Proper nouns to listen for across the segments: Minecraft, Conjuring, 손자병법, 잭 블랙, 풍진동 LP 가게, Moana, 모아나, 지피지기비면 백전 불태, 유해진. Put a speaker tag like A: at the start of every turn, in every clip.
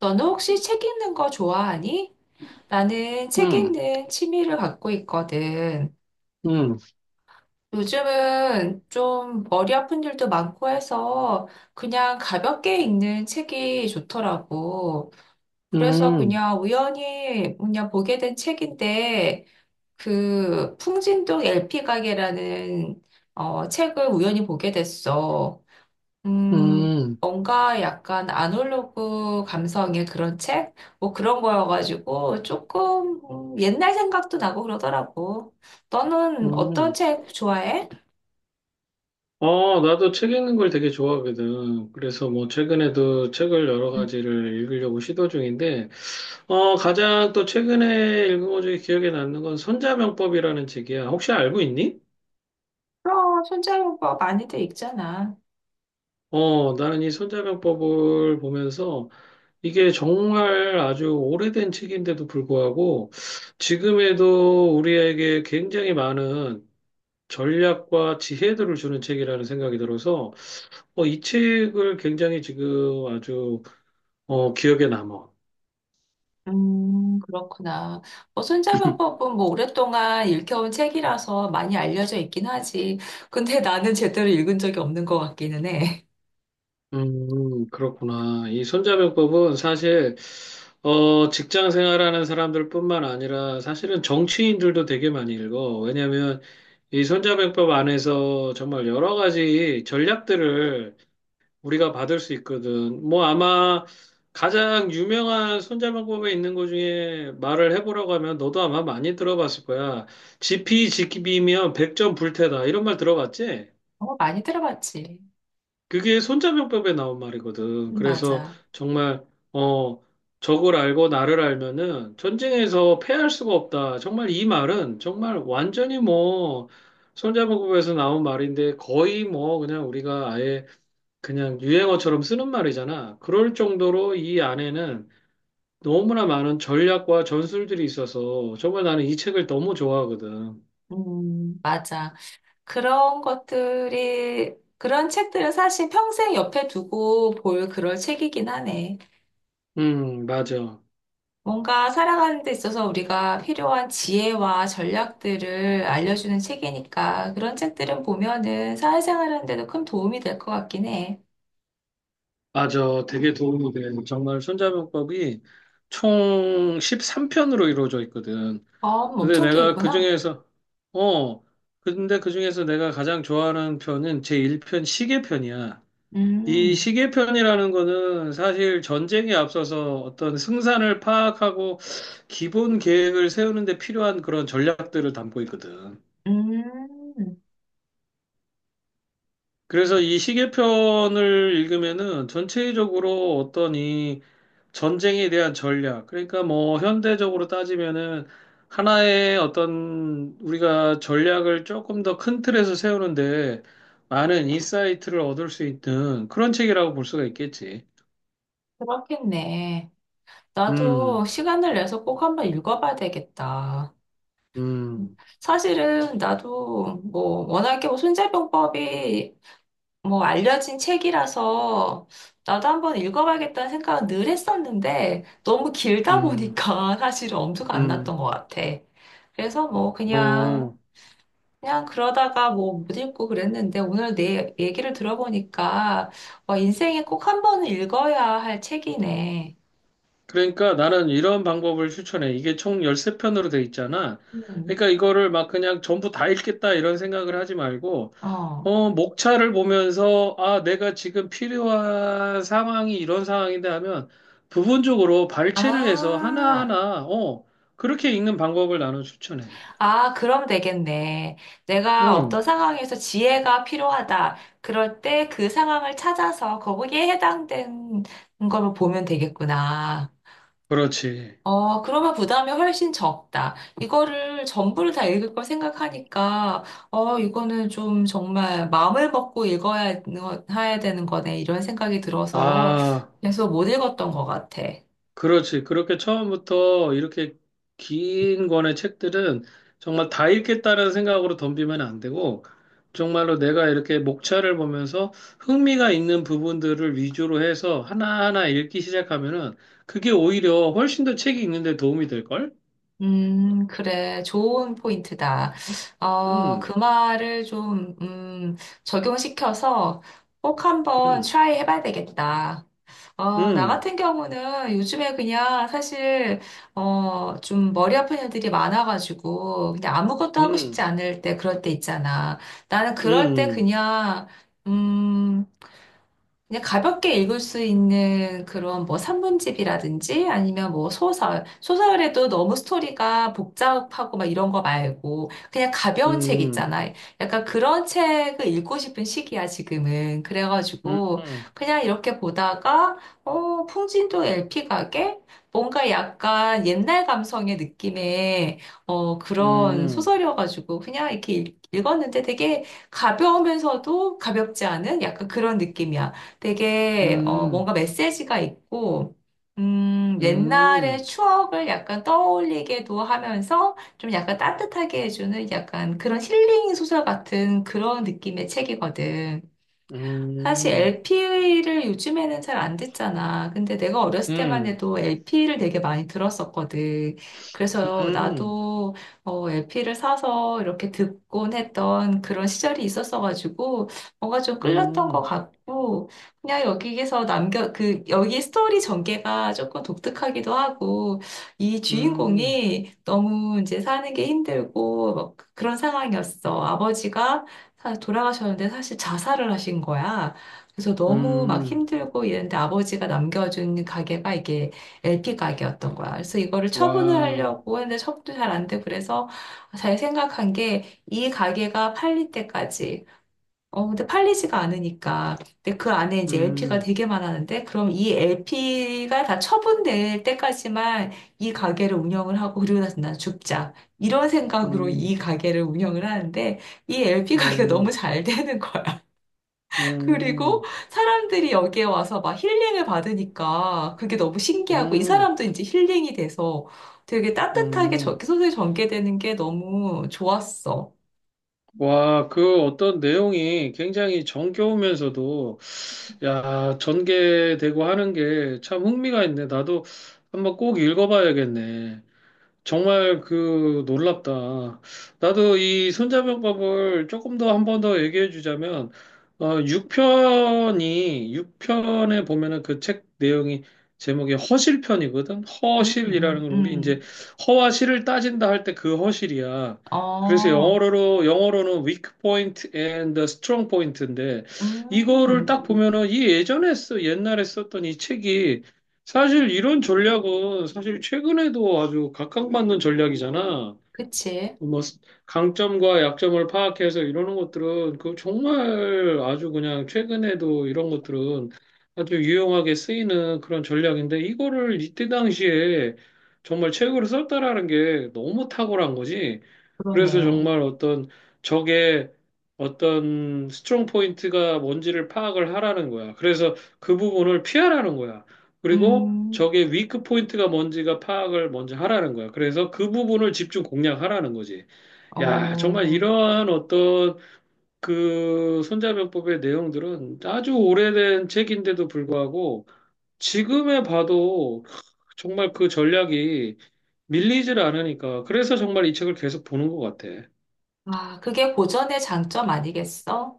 A: 너는 혹시 책 읽는 거 좋아하니? 나는 책
B: 음,
A: 읽는 취미를 갖고 있거든.
B: 음,
A: 요즘은 좀 머리 아픈 일도 많고 해서 그냥 가볍게 읽는 책이 좋더라고. 그래서
B: 음,
A: 그냥 우연히 그냥 보게 된 책인데 그 풍진동 LP 가게라는 책을 우연히 보게 됐어.
B: 음,
A: 뭔가 약간 아날로그 감성의 그런 책? 뭐 그런 거여가지고 조금 옛날 생각도 나고 그러더라고. 너는 어떤
B: 음.
A: 책 좋아해?
B: 어, 나도 책 읽는 걸 되게 좋아하거든. 그래서 뭐 최근에도 책을 여러
A: 음,
B: 가지를 읽으려고 시도 중인데, 어, 가장 또 최근에 읽은 것 중에 기억에 남는 건 손자병법이라는 책이야. 혹시 알고 있니?
A: 그럼 손자병법 많이들 읽잖아.
B: 어, 나는 이 손자병법을 보면서 이게 정말 아주 오래된 책인데도 불구하고 지금에도 우리에게 굉장히 많은 전략과 지혜들을 주는 책이라는 생각이 들어서 어, 이 책을 굉장히 지금 아주 어, 기억에 남아.
A: 그렇구나. 뭐 손자병법은 뭐 오랫동안 읽혀온 책이라서 많이 알려져 있긴 하지. 근데 나는 제대로 읽은 적이 없는 것 같기는 해.
B: 그렇구나. 이 손자병법은 사실 어, 직장 생활하는 사람들뿐만 아니라 사실은 정치인들도 되게 많이 읽어. 왜냐하면 이 손자병법 안에서 정말 여러 가지 전략들을 우리가 받을 수 있거든. 뭐 아마 가장 유명한 손자방법에 있는 것 중에 말을 해보라고 하면 너도 아마 많이 들어봤을 거야. 지피지기비면 백전 불태다. 이런 말 들어봤지?
A: 어, 많이 들어봤지.
B: 그게 손자병법에 나온 말이거든. 그래서
A: 맞아.
B: 정말, 어, 적을 알고 나를 알면은 전쟁에서 패할 수가 없다. 정말 이 말은 정말 완전히 뭐 손자병법에서 나온 말인데 거의 뭐 그냥 우리가 아예 그냥 유행어처럼 쓰는 말이잖아. 그럴 정도로 이 안에는 너무나 많은 전략과 전술들이 있어서 정말 나는 이 책을 너무 좋아하거든.
A: 맞아. 그런 책들은 사실 평생 옆에 두고 볼 그럴 책이긴 하네.
B: 맞아.
A: 뭔가 살아가는 데 있어서 우리가 필요한 지혜와 전략들을 알려주는 책이니까 그런 책들은 보면은 사회생활 하는데도 큰 도움이 될 것 같긴 해.
B: 맞아. 되게 도움이 돼. 정말 손자병법이 총 13편으로 이루어져 있거든.
A: 어,
B: 근데
A: 엄청
B: 내가
A: 길구나.
B: 그중에서, 어, 근데 그중에서 내가 가장 좋아하는 편은 제1편 시계편이야. 이
A: 음,
B: 시계편이라는 거는 사실 전쟁에 앞서서 어떤 승산을 파악하고 기본 계획을 세우는 데 필요한 그런 전략들을 담고 있거든.
A: 음,
B: 그래서 이 시계편을 읽으면은 전체적으로 어떤 이 전쟁에 대한 전략, 그러니까 뭐 현대적으로 따지면은 하나의 어떤 우리가 전략을 조금 더 큰 틀에서 세우는데 많은 인사이트를 얻을 수 있는 그런 책이라고 볼 수가 있겠지.
A: 그렇겠네. 나도
B: 음,
A: 시간을 내서 꼭 한번 읽어봐야 되겠다.
B: 음.
A: 사실은 나도 뭐 워낙에 뭐 손자병법이 뭐 알려진 책이라서 나도 한번 읽어봐야겠다는 생각은 늘 했었는데 너무 길다
B: 음,
A: 보니까 사실은 엄두가 안 났던
B: 음,
A: 것 같아. 그래서 뭐 그냥
B: 어.
A: 그냥 그러다가 뭐 못 읽고 그랬는데 오늘 내 얘기를 들어보니까 와, 인생에 꼭 한 번은 읽어야 할 책이네.
B: 그러니까 나는 이런 방법을 추천해. 이게 총 13편으로 돼 있잖아.
A: 음,
B: 그러니까 이거를 막 그냥 전부 다 읽겠다 이런 생각을 하지 말고,
A: 어.
B: 어, 목차를 보면서, 아, 내가 지금 필요한 상황이 이런 상황인데 하면 부분적으로 발췌를 해서
A: 아.
B: 하나하나, 어, 그렇게 읽는 방법을 나는 추천해.
A: 아, 그럼 되겠네. 내가 어떤
B: 어,
A: 상황에서 지혜가 필요하다. 그럴 때 그 상황을 찾아서 거기에 해당된 걸 보면 되겠구나.
B: 그렇지.
A: 어, 그러면 부담이 훨씬 적다. 이거를 전부를 다 읽을 걸 생각하니까, 이거는 좀 정말 마음을 먹고 읽어야 해야 되는 거네. 이런 생각이 들어서
B: 아.
A: 계속 못 읽었던 것 같아.
B: 그렇지. 그렇게 처음부터 이렇게 긴 권의 책들은 정말 다 읽겠다는 생각으로 덤비면 안 되고, 정말로 내가 이렇게 목차를 보면서 흥미가 있는 부분들을 위주로 해서 하나하나 읽기 시작하면은 그게 오히려 훨씬 더 책이 읽는데 도움이 될걸?
A: 그래. 좋은 포인트다. 어,
B: 음,
A: 그 말을 좀, 적용시켜서 꼭 한번
B: 음,
A: 트라이 해봐야 되겠다. 어, 나
B: 음,
A: 같은 경우는 요즘에 그냥 사실, 좀 머리 아픈 일들이 많아가지고, 그냥 아무것도 하고 싶지
B: 음,
A: 않을 때, 그럴 때 있잖아. 나는 그럴 때
B: 음,
A: 음, 그냥 가볍게 읽을 수 있는 그런 뭐 산문집이라든지 아니면 뭐 소설. 소설에도 너무 스토리가 복잡하고 막 이런 거 말고 그냥 가벼운 책
B: 음,
A: 있잖아. 약간 그런 책을 읽고 싶은 시기야, 지금은.
B: 음,
A: 그래가지고
B: 음,
A: 그냥 이렇게 보다가, 풍진도 LP 가게? 뭔가 약간 옛날 감성의 느낌의 그런
B: 음,
A: 소설이어가지고 그냥 이렇게 읽었는데 되게 가벼우면서도 가볍지 않은 약간 그런 느낌이야. 되게
B: 음,
A: 뭔가 메시지가 있고 옛날의
B: 음,
A: 추억을 약간 떠올리게도 하면서 좀 약간 따뜻하게 해주는 약간 그런 힐링 소설 같은 그런 느낌의 책이거든. 사실
B: 음,
A: LP를 요즘에는 잘 안 듣잖아. 근데 내가 어렸을 때만
B: 음,
A: 해도 LP를 되게 많이 들었었거든. 그래서
B: 음.
A: 나도 LP를 사서 이렇게 듣곤 했던 그런 시절이 있었어가지고 뭔가 좀 끌렸던 것
B: 음.
A: 같고 그냥 여기에서 남겨 그 여기 스토리 전개가 조금 독특하기도 하고 이
B: 음,
A: 주인공이 너무 이제 사는 게 힘들고 막 그런 상황이었어. 아버지가 돌아가셨는데 사실 자살을 하신 거야. 그래서 너무 막
B: 음,
A: 힘들고 이랬는데 아버지가 남겨준 가게가 이게 LP 가게였던 거야. 그래서 이거를 처분을
B: 와우,
A: 하려고 했는데 처분도 잘 안 되고 그래서 잘 생각한 게 이 가게가 팔릴 때까지 근데 팔리지가 않으니까. 근데 그 안에 이제 LP가
B: 음,
A: 되게 많았는데, 그럼 이 LP가 다 처분될 때까지만 이 가게를 운영을 하고, 그리고 나서 난 죽자. 이런 생각으로 이
B: 음,
A: 가게를 운영을 하는데, 이 LP 가게가 너무
B: 음,
A: 잘 되는 거야. 그리고
B: 음,
A: 사람들이 여기에 와서 막 힐링을 받으니까 그게 너무 신기하고, 이
B: 음,
A: 사람도 이제 힐링이 돼서 되게 따뜻하게 저
B: 음.
A: 소설이 전개되는 게 너무 좋았어.
B: 와, 그 어떤 내용이 굉장히 정겨우면서도, 야, 전개되고 하는 게 참 흥미가 있네. 나도 한번 꼭 읽어봐야겠네. 정말 그 놀랍다. 나도 이 손자병법을 조금 더 한 번 더 얘기해 주자면, 어, 6편이, 육편에 보면은 그 책 내용이 제목이 허실편이거든?
A: 음,
B: 허실이라는
A: 음,
B: 걸 우리 이제
A: 음.
B: 허와 실을 따진다 할 때 그 허실이야. 그래서
A: 어.
B: 영어로는 weak point and strong point인데, 이거를
A: 음,
B: 딱 보면은 옛날에 썼던 이 책이 사실 이런 전략은 사실 최근에도 아주 각광받는 전략이잖아.
A: 그치.
B: 뭐 스- 강점과 약점을 파악해서 이러는 것들은 그 정말 아주 그냥 최근에도 이런 것들은 아주 유용하게 쓰이는 그런 전략인데 이거를 이때 당시에 정말 최고로 썼다라는 게 너무 탁월한 거지. 그래서
A: 그러네.
B: 정말 어떤 적의 어떤 스트롱 포인트가 뭔지를 파악을 하라는 거야. 그래서 그 부분을 피하라는 거야. 그리고
A: 음,
B: 적의 위크 포인트가 뭔지가 파악을 먼저 하라는 거야. 그래서 그 부분을 집중 공략하라는 거지. 야, 정말
A: 어,
B: 이러한 어떤 그 손자병법의 내용들은 아주 오래된 책인데도 불구하고 지금에 봐도 정말 그 전략이 밀리질 않으니까. 그래서 정말 이 책을 계속 보는 것 같아.
A: 아, 그게 고전의 장점 아니겠어?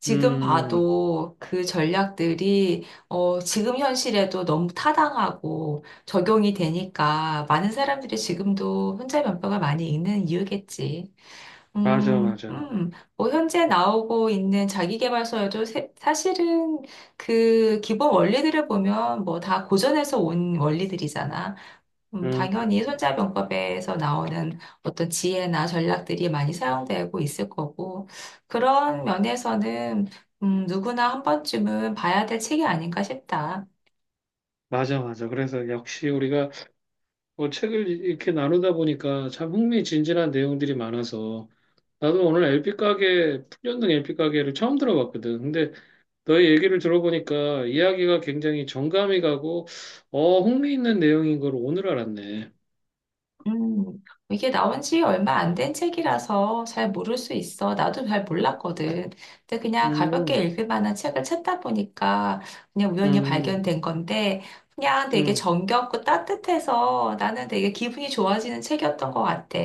A: 지금
B: 음,
A: 봐도 그 전략들이, 지금 현실에도 너무 타당하고 적용이 되니까 많은 사람들이 지금도 혼자 면벽을 많이 읽는 이유겠지.
B: 맞아,
A: 음,
B: 맞아.
A: 음, 뭐, 현재 나오고 있는 자기계발서에도 사실은 그 기본 원리들을 보면 뭐 다 고전에서 온 원리들이잖아.
B: 음,
A: 당연히 손자병법에서 나오는 어떤 지혜나 전략들이 많이 사용되고 있을 거고, 그런 면에서는 누구나 한 번쯤은 봐야 될 책이 아닌가 싶다.
B: 맞아, 맞아. 그래서 역시 우리가 뭐 책을 이렇게 나누다 보니까 참 흥미진진한 내용들이 많아서 나도 오늘 LP 가게, 풍년등 LP 가게를 처음 들어봤거든. 근데 너의 얘기를 들어보니까 이야기가 굉장히 정감이 가고, 어, 흥미 있는 내용인 걸 오늘 알았네.
A: 음, 이게 나온 지 얼마 안 된 책이라서 잘 모를 수 있어. 나도 잘 몰랐거든. 근데 그냥 가볍게
B: 음,
A: 읽을 만한 책을 찾다 보니까 그냥 우연히
B: 음,
A: 발견된 건데, 그냥 되게
B: 음,
A: 정겹고 따뜻해서 나는 되게 기분이 좋아지는 책이었던 것 같아.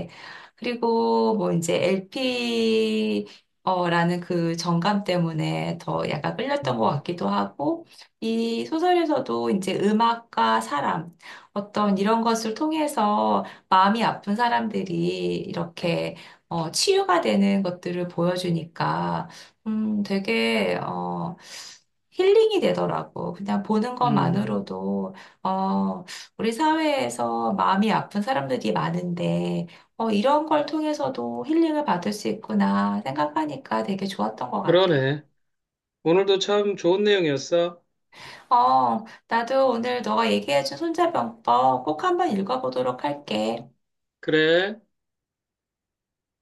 A: 그리고 뭐 이제 LP, 라는 그 정감 때문에 더 약간 끌렸던 것
B: 음.
A: 같기도 하고, 이 소설에서도 이제 음악과 사람, 어떤 이런 것을 통해서 마음이 아픈 사람들이 이렇게 치유가 되는 것들을 보여주니까 되게 힐링이 되더라고. 그냥 보는
B: 음.
A: 것만으로도 어, 우리 사회에서 마음이 아픈 사람들이 많은데 이런 걸 통해서도 힐링을 받을 수 있구나 생각하니까 되게 좋았던 것 같아.
B: 그러네. 오늘도 참 좋은 내용이었어.
A: 나도 오늘 너가 얘기해준 손자병법 꼭 한번 읽어보도록 할게.
B: 그래.